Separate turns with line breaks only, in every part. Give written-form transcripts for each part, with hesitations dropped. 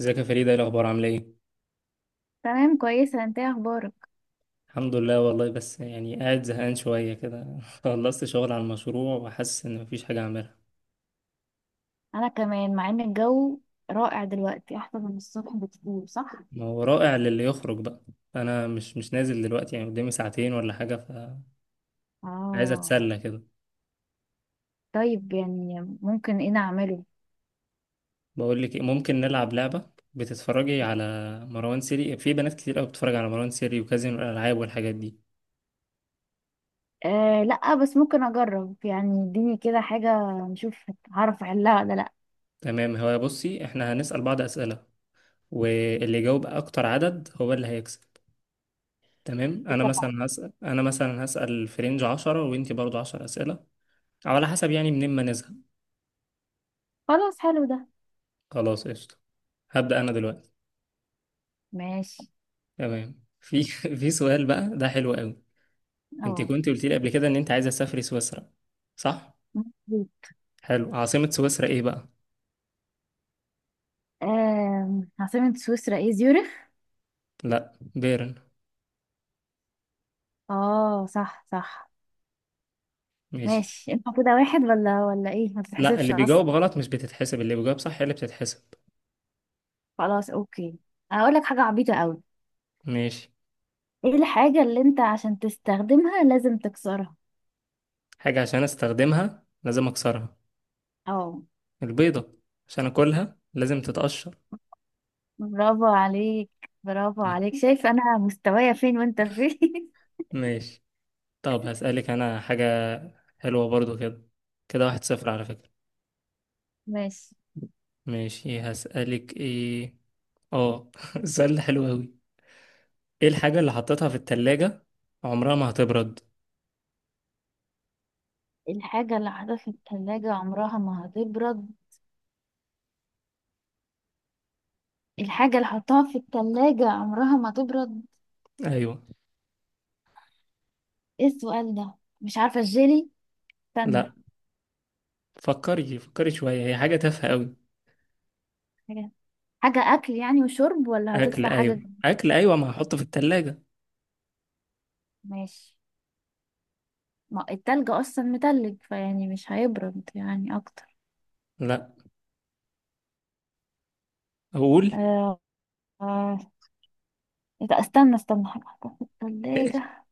ازيك يا فريدة، ايه الاخبار؟ عامله ايه؟
تمام كويسة. انت ايه اخبارك؟
الحمد لله والله، بس يعني قاعد زهقان شويه كده. خلصت شغل على المشروع وحاسس ان مفيش حاجه اعملها.
انا كمان مع ان الجو رائع دلوقتي، احسن من الصبح بكتير، صح؟
ما هو رائع للي يخرج بقى. انا مش نازل دلوقتي، يعني قدامي ساعتين ولا حاجه، فعايز
اه.
اتسلى كده.
طيب يعني ممكن ايه نعمله؟
بقول لك إيه، ممكن نلعب لعبه. بتتفرجي على مروان سيري؟ في بنات كتير قوي بتتفرج على مروان سيري وكازينو الالعاب والحاجات دي.
آه لا، بس ممكن اجرب يعني، اديني كده حاجة نشوف هعرف احلها ولا لا.
تمام. هو بصي، احنا هنسال بعض اسئله واللي يجاوب اكتر عدد هو اللي هيكسب. تمام. انا
اتفقنا.
مثلا هسأل، في رينج 10، وانتي برضو 10 أسئلة، او على حسب يعني، منين ما نزهق.
خلاص، حلو ده.
خلاص قشطة. هبدأ انا دلوقتي.
ماشي.
تمام. في في سؤال بقى ده حلو قوي. انت
اه.
كنت قلت لي قبل كده ان انت عايزة تسافري سويسرا، صح؟ حلو، عاصمة سويسرا ايه بقى؟
آه، عاصمة سويسرا ايه؟ زيورخ.
لا، بيرن.
اه صح صح.
ماشي.
ماشي انت كده واحد ولا ايه؟ ما
لا،
تتحسبش
اللي بيجاوب
اصلا.
غلط مش بتتحسب، اللي بيجاوب صح هي اللي بتتحسب.
خلاص اوكي. اقول لك حاجة عبيطة قوي.
ماشي.
ايه الحاجة اللي انت عشان تستخدمها لازم تكسرها؟
حاجة عشان استخدمها لازم اكسرها؟
اه.
البيضة، عشان اكلها لازم تتقشر.
برافو عليك. برافو
طيب.
عليك، شايف انا مستوايا فين وانت فين.
ماشي. طب هسألك أنا حاجة حلوة برضو كده. كده واحد صفر على فكرة.
ماشي.
ماشي. هسألك إيه؟ آه، السؤال ده حلو أوي. إيه الحاجة اللي حطيتها في التلاجة عمرها ما هتبرد؟
الحاجة اللي حطها في التلاجة عمرها ما هتبرد. الحاجة اللي حطها في التلاجة عمرها ما تبرد.
أيوة.
ايه السؤال ده؟ مش عارفة، الجيلي؟ استنى.
لأ، فكري فكري شوية، هي حاجة تافهة أوي.
حاجة، حاجة اكل يعني وشرب، ولا
أكل،
هتطلع حاجة
أيوة أكل، أيوة ما هحطه في التلاجة.
ماشي. ما التلج اصلا متلج فيعني مش هيبرد يعني اكتر.
لأ. أقول؟
آه. آه. إيه ده؟ استنى استنى، حاجة حطها في التلاجة.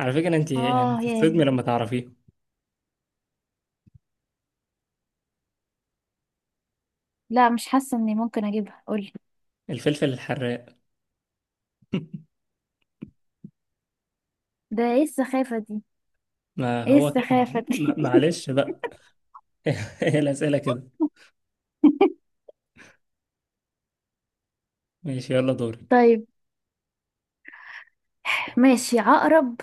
على فكرة أنت يعني
اه
هتتصدمي
يعني،
لما تعرفيه.
لا مش حاسه اني ممكن اجيبها، قولي.
الفلفل الحراق.
ده ايه السخافه دي؟
ما
ايه
هو كده.
السخافه دي؟
معلش بقى. هي الأسئلة كده. ماشي يلا دورك.
طيب. ماشي، عقرب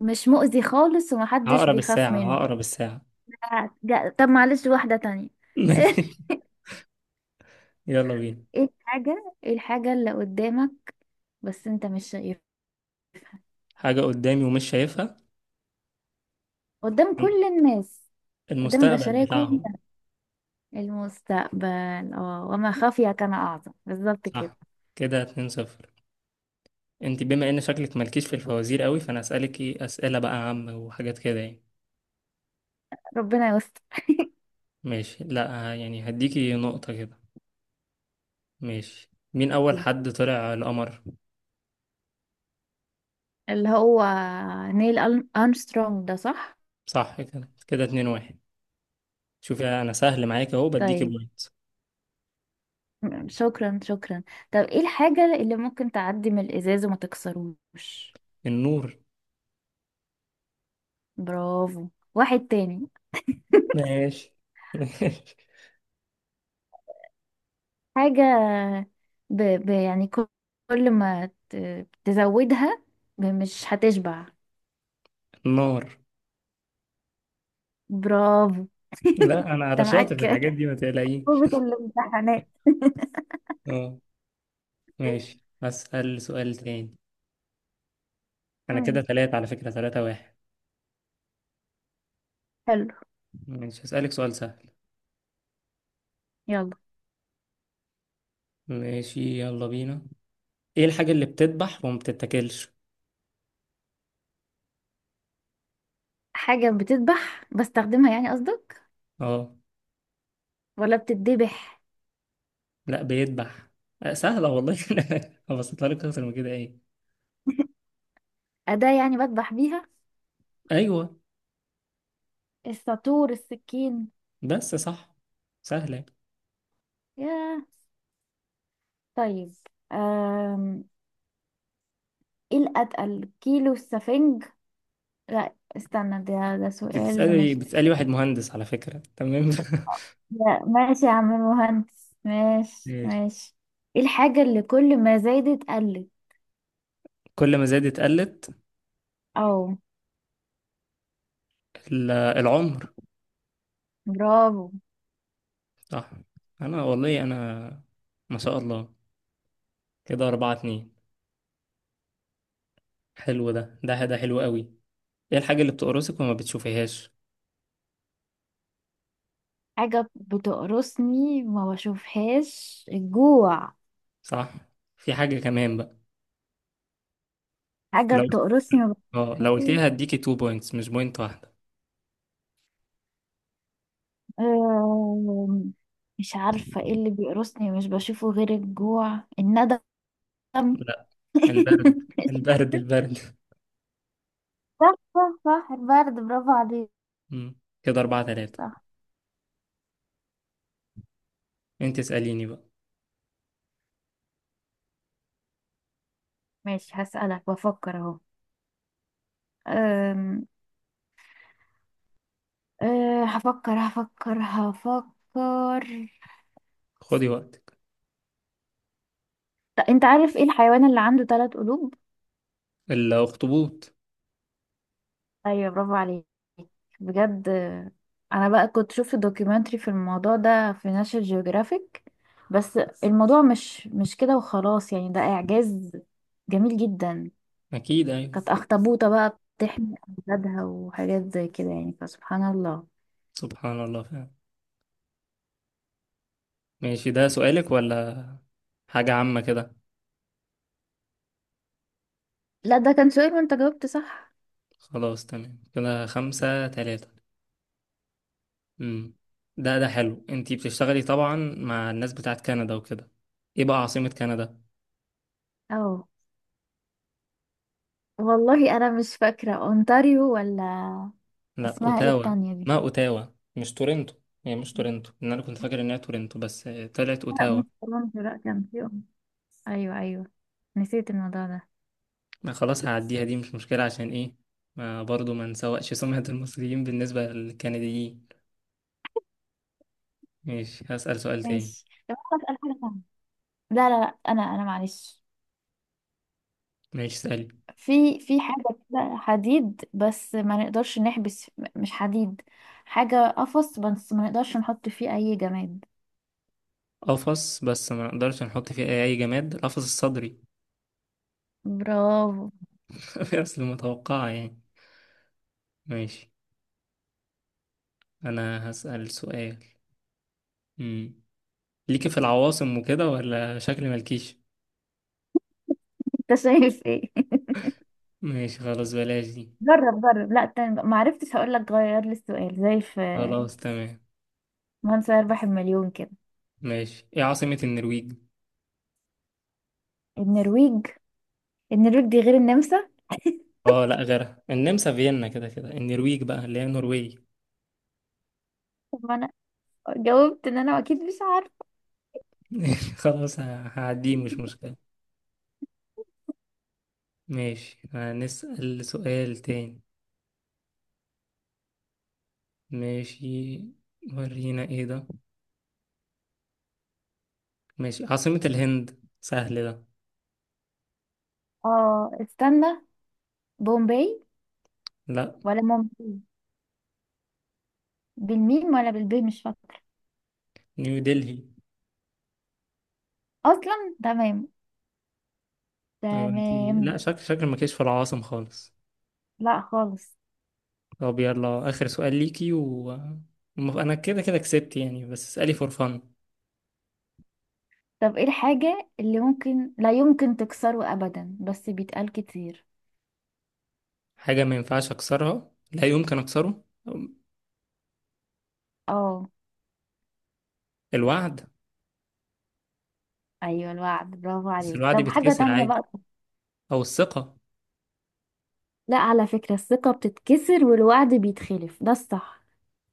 مش مؤذي خالص ومحدش
عقرب
بيخاف
الساعة،
منه.
عقرب الساعة.
آه، لا، طب معلش واحده تانية. ايه
يلا بينا.
الحاجه، ايه الحاجه اللي قدامك بس انت مش شايفها،
حاجة قدامي ومش شايفها؟
قدام كل الناس، قدام
المستقبل
البشريه
بتاعهم.
كلها؟ المستقبل، اه، وما خفي كان اعظم، بالظبط كده.
صح. كده 2-0. انت بما ان شكلك مالكيش في الفوازير قوي، فانا اسألك ايه اسئلة بقى عامة وحاجات كده يعني.
ربنا يستر.
ماشي، لا يعني هديكي نقطة كده. ماشي، مين اول حد طلع القمر؟
اللي هو نيل أرمسترونج، ده صح؟
صح. كده كده 2-1. شوفي انا سهل معاك اهو، بديكي
طيب.
بوينت.
شكرا شكرا. طب ايه الحاجة اللي ممكن تعدي من الإزاز وما تكسروش؟
النور.
برافو. واحد تاني.
ماشي. ماشي.
حاجة يعني كل، كل ما تزودها مش هتشبع.
النار.
برافو.
لا انا
انت
على شاطر في
معاك
الحاجات دي، ما تقلقيش.
قوة الامتحانات.
اه. ماشي. هسأل سؤال تاني. انا كده
مم.
تلاتة على فكرة، تلاتة واحد.
حلو.
ماشي هسألك سؤال سهل.
يلا.
ماشي يلا بينا. ايه الحاجة اللي بتدبح وما بتتاكلش؟
حاجة بتذبح بستخدمها يعني قصدك،
اه
ولا بتتذبح؟
لا، بيدبح. آه، سهلة والله. هبسطها لك اكتر من كده. ايه؟
أداة يعني بذبح بيها،
ايوه.
الساطور، السكين.
بس صح. سهلة.
ياه. طيب ايه الاتقل، كيلو السفنج؟ لا استنى، ده سؤال
بتسألي
مش،
بتسألي واحد مهندس على فكرة، تمام.
لا ماشي يا عم المهندس، ماشي
ماشي.
ماشي. ايه الحاجة اللي كل ما زادت قلت؟
كل ما زادت قلت؟
او.
العمر.
برافو.
صح. انا والله انا، ما شاء الله. كده أربعة اتنين. حلو، ده حلو قوي. ايه الحاجة اللي بتقرصك وما بتشوفيهاش؟
حاجة بتقرصني ما بشوفهاش، الجوع.
صح. في حاجة كمان بقى.
حاجة
لو،
بتقرصني ما
اه لو قلت لي
بشوفهاش.
هديكي 2 بوينتس مش بوينت واحدة.
أم، مش عارفة ايه اللي بيقرصني مش بشوفه، غير الجوع، الندم.
لا، البرد، البرد، البرد.
صح صح صح، البرد، برافو عليك.
مم. كده أربعة تلاتة.
صح.
انت اسأليني بقى.
ماشي هسألك، بفكر اهو. أم... أه هفكر هفكر هفكر.
خدي وقتك.
طب انت عارف ايه الحيوان اللي عنده ثلاث قلوب؟
الأخطبوط.
ايوه، برافو عليك بجد. آه، انا بقى كنت شفت دوكيومنتري في الموضوع ده في ناشونال جيوغرافيك. بس الموضوع مش كده وخلاص يعني، ده اعجاز جميل جدا.
أكيد أيوة.
كانت اخطبوطة بقى بتحمي اولادها وحاجات زي كده يعني، فسبحان الله.
سبحان الله فعلا. ماشي، ده سؤالك ولا حاجة عامة كده؟
لا ده كان سؤال وانت جاوبت صح.
خلاص تمام، كده خمسة تلاتة. مم. ده ده حلو، انت بتشتغلي طبعا مع الناس بتاعت كندا وكده، ايه بقى عاصمة كندا؟
اه والله انا مش فاكره، اونتاريو ولا،
لا،
اسمها ايه
اوتاوا.
التانية دي؟
ما اوتاوا، مش تورنتو. هي مش تورنتو، لان انا كنت فاكر انها تورنتو، بس آه، طلعت
لا
اوتاوا.
مش اورنج، لا كان في أورنج. ايوه ايوه، نسيت الموضوع ده.
ما خلاص هعديها دي، مش مشكلة. عشان ايه؟ ما برضو ما نسوقش سمعة المصريين بالنسبة للكنديين. ماشي هسأل سؤال تاني.
ماشي. طب انا اسال حاجه ثانيه. لا انا معلش.
ماشي اسألي.
في، في حاجه كده حديد، بس ما نقدرش نحبس، مش حديد، حاجه قفص بس ما نقدرش نحط فيه اي جماد.
قفص بس ما نقدرش نحط فيه أي جماد؟ القفص الصدري.
برافو.
اصل متوقعة يعني. ماشي. انا هسأل سؤال. مم. ليكي في العواصم وكده ولا شكل مالكيش؟
انت شايف ايه؟
ماشي خلاص بلاش دي.
جرب جرب، لا تاني بقى. ما عرفتش، هقول لك غير لي السؤال زي في
خلاص تمام.
من سيربح المليون كده.
ماشي، ايه عاصمة النرويج؟
النرويج. النرويج دي غير النمسا؟
اه لا، غيرها، النمسا فيينا كده كده، النرويج بقى اللي هي نرويج.
طب ما انا جاوبت ان انا اكيد مش عارفه.
خلاص، هعديه، مش مشكلة. ماشي هنسأل سؤال تاني. ماشي. ورينا ايه ده. ماشي، عاصمة الهند، سهل ده.
اه استنى، بومباي،
لا،
ولا مومباي، بالميم ولا بالبي مش فاكره.
نيو دلهي.
اصلا تمام.
ايوه، انت
تمام.
لا، شكل ما كانش في العواصم خالص.
لا خالص.
طب يلا اخر سؤال ليكي، و انا كده كده كسبت يعني، بس اسألي فور فن.
طب ايه الحاجة اللي ممكن لا يمكن تكسره ابدا بس بيتقال كتير؟
حاجة ما ينفعش اكسرها، لا يمكن اكسره؟
اه.
الوعد.
ايوه الوعد، برافو
بس
عليك.
الوعد
طب حاجة
بيتكسر
تانية
عادي.
بقى.
او الثقة.
لا على فكرة، الثقة بتتكسر والوعد بيتخلف، ده الصح.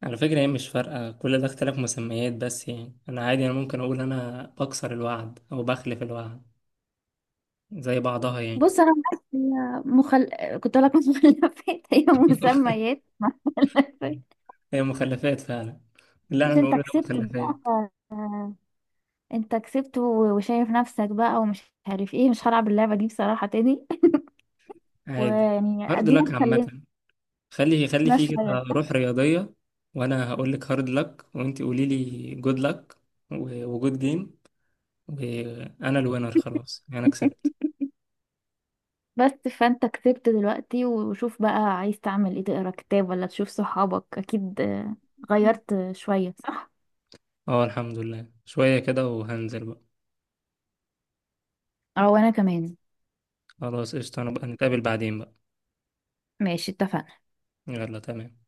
على فكرة هي مش فارقة، كل ده اختلاف مسميات بس يعني. انا عادي، انا ممكن اقول انا بكسر الوعد او بخلف الوعد، زي بعضها يعني.
بص انا بس، هي مخل... كنت اقول لك مخلفات، هي مسميات.
هي مخلفات فعلا. لا
بس
انا بقول
انت
ده
كسبت بقى.
مخلفات.
انت كسبت وشايف نفسك بقى ومش عارف ايه، مش هلعب اللعبة دي بصراحة تاني.
عادي،
ويعني
هارد لك
ادينا اتسلينا
عامة. خلي فيه كده
شوية.
روح رياضية. وانا هقول لك هارد لك، وانت قولي لي جود لك، وجود جيم، وانا الوينر، خلاص يعني انا كسبت.
بس فانت كسبت دلوقتي، وشوف بقى عايز تعمل ايه، تقرا كتاب ولا تشوف صحابك، اكيد آه، غيرت شوية صح؟
اه الحمد لله شوية كده، وهنزل بقى.
اه وانا كمان.
خلاص قشطة. أنا بقى نتقابل بعدين بقى.
ماشي، اتفقنا.
يلا تمام.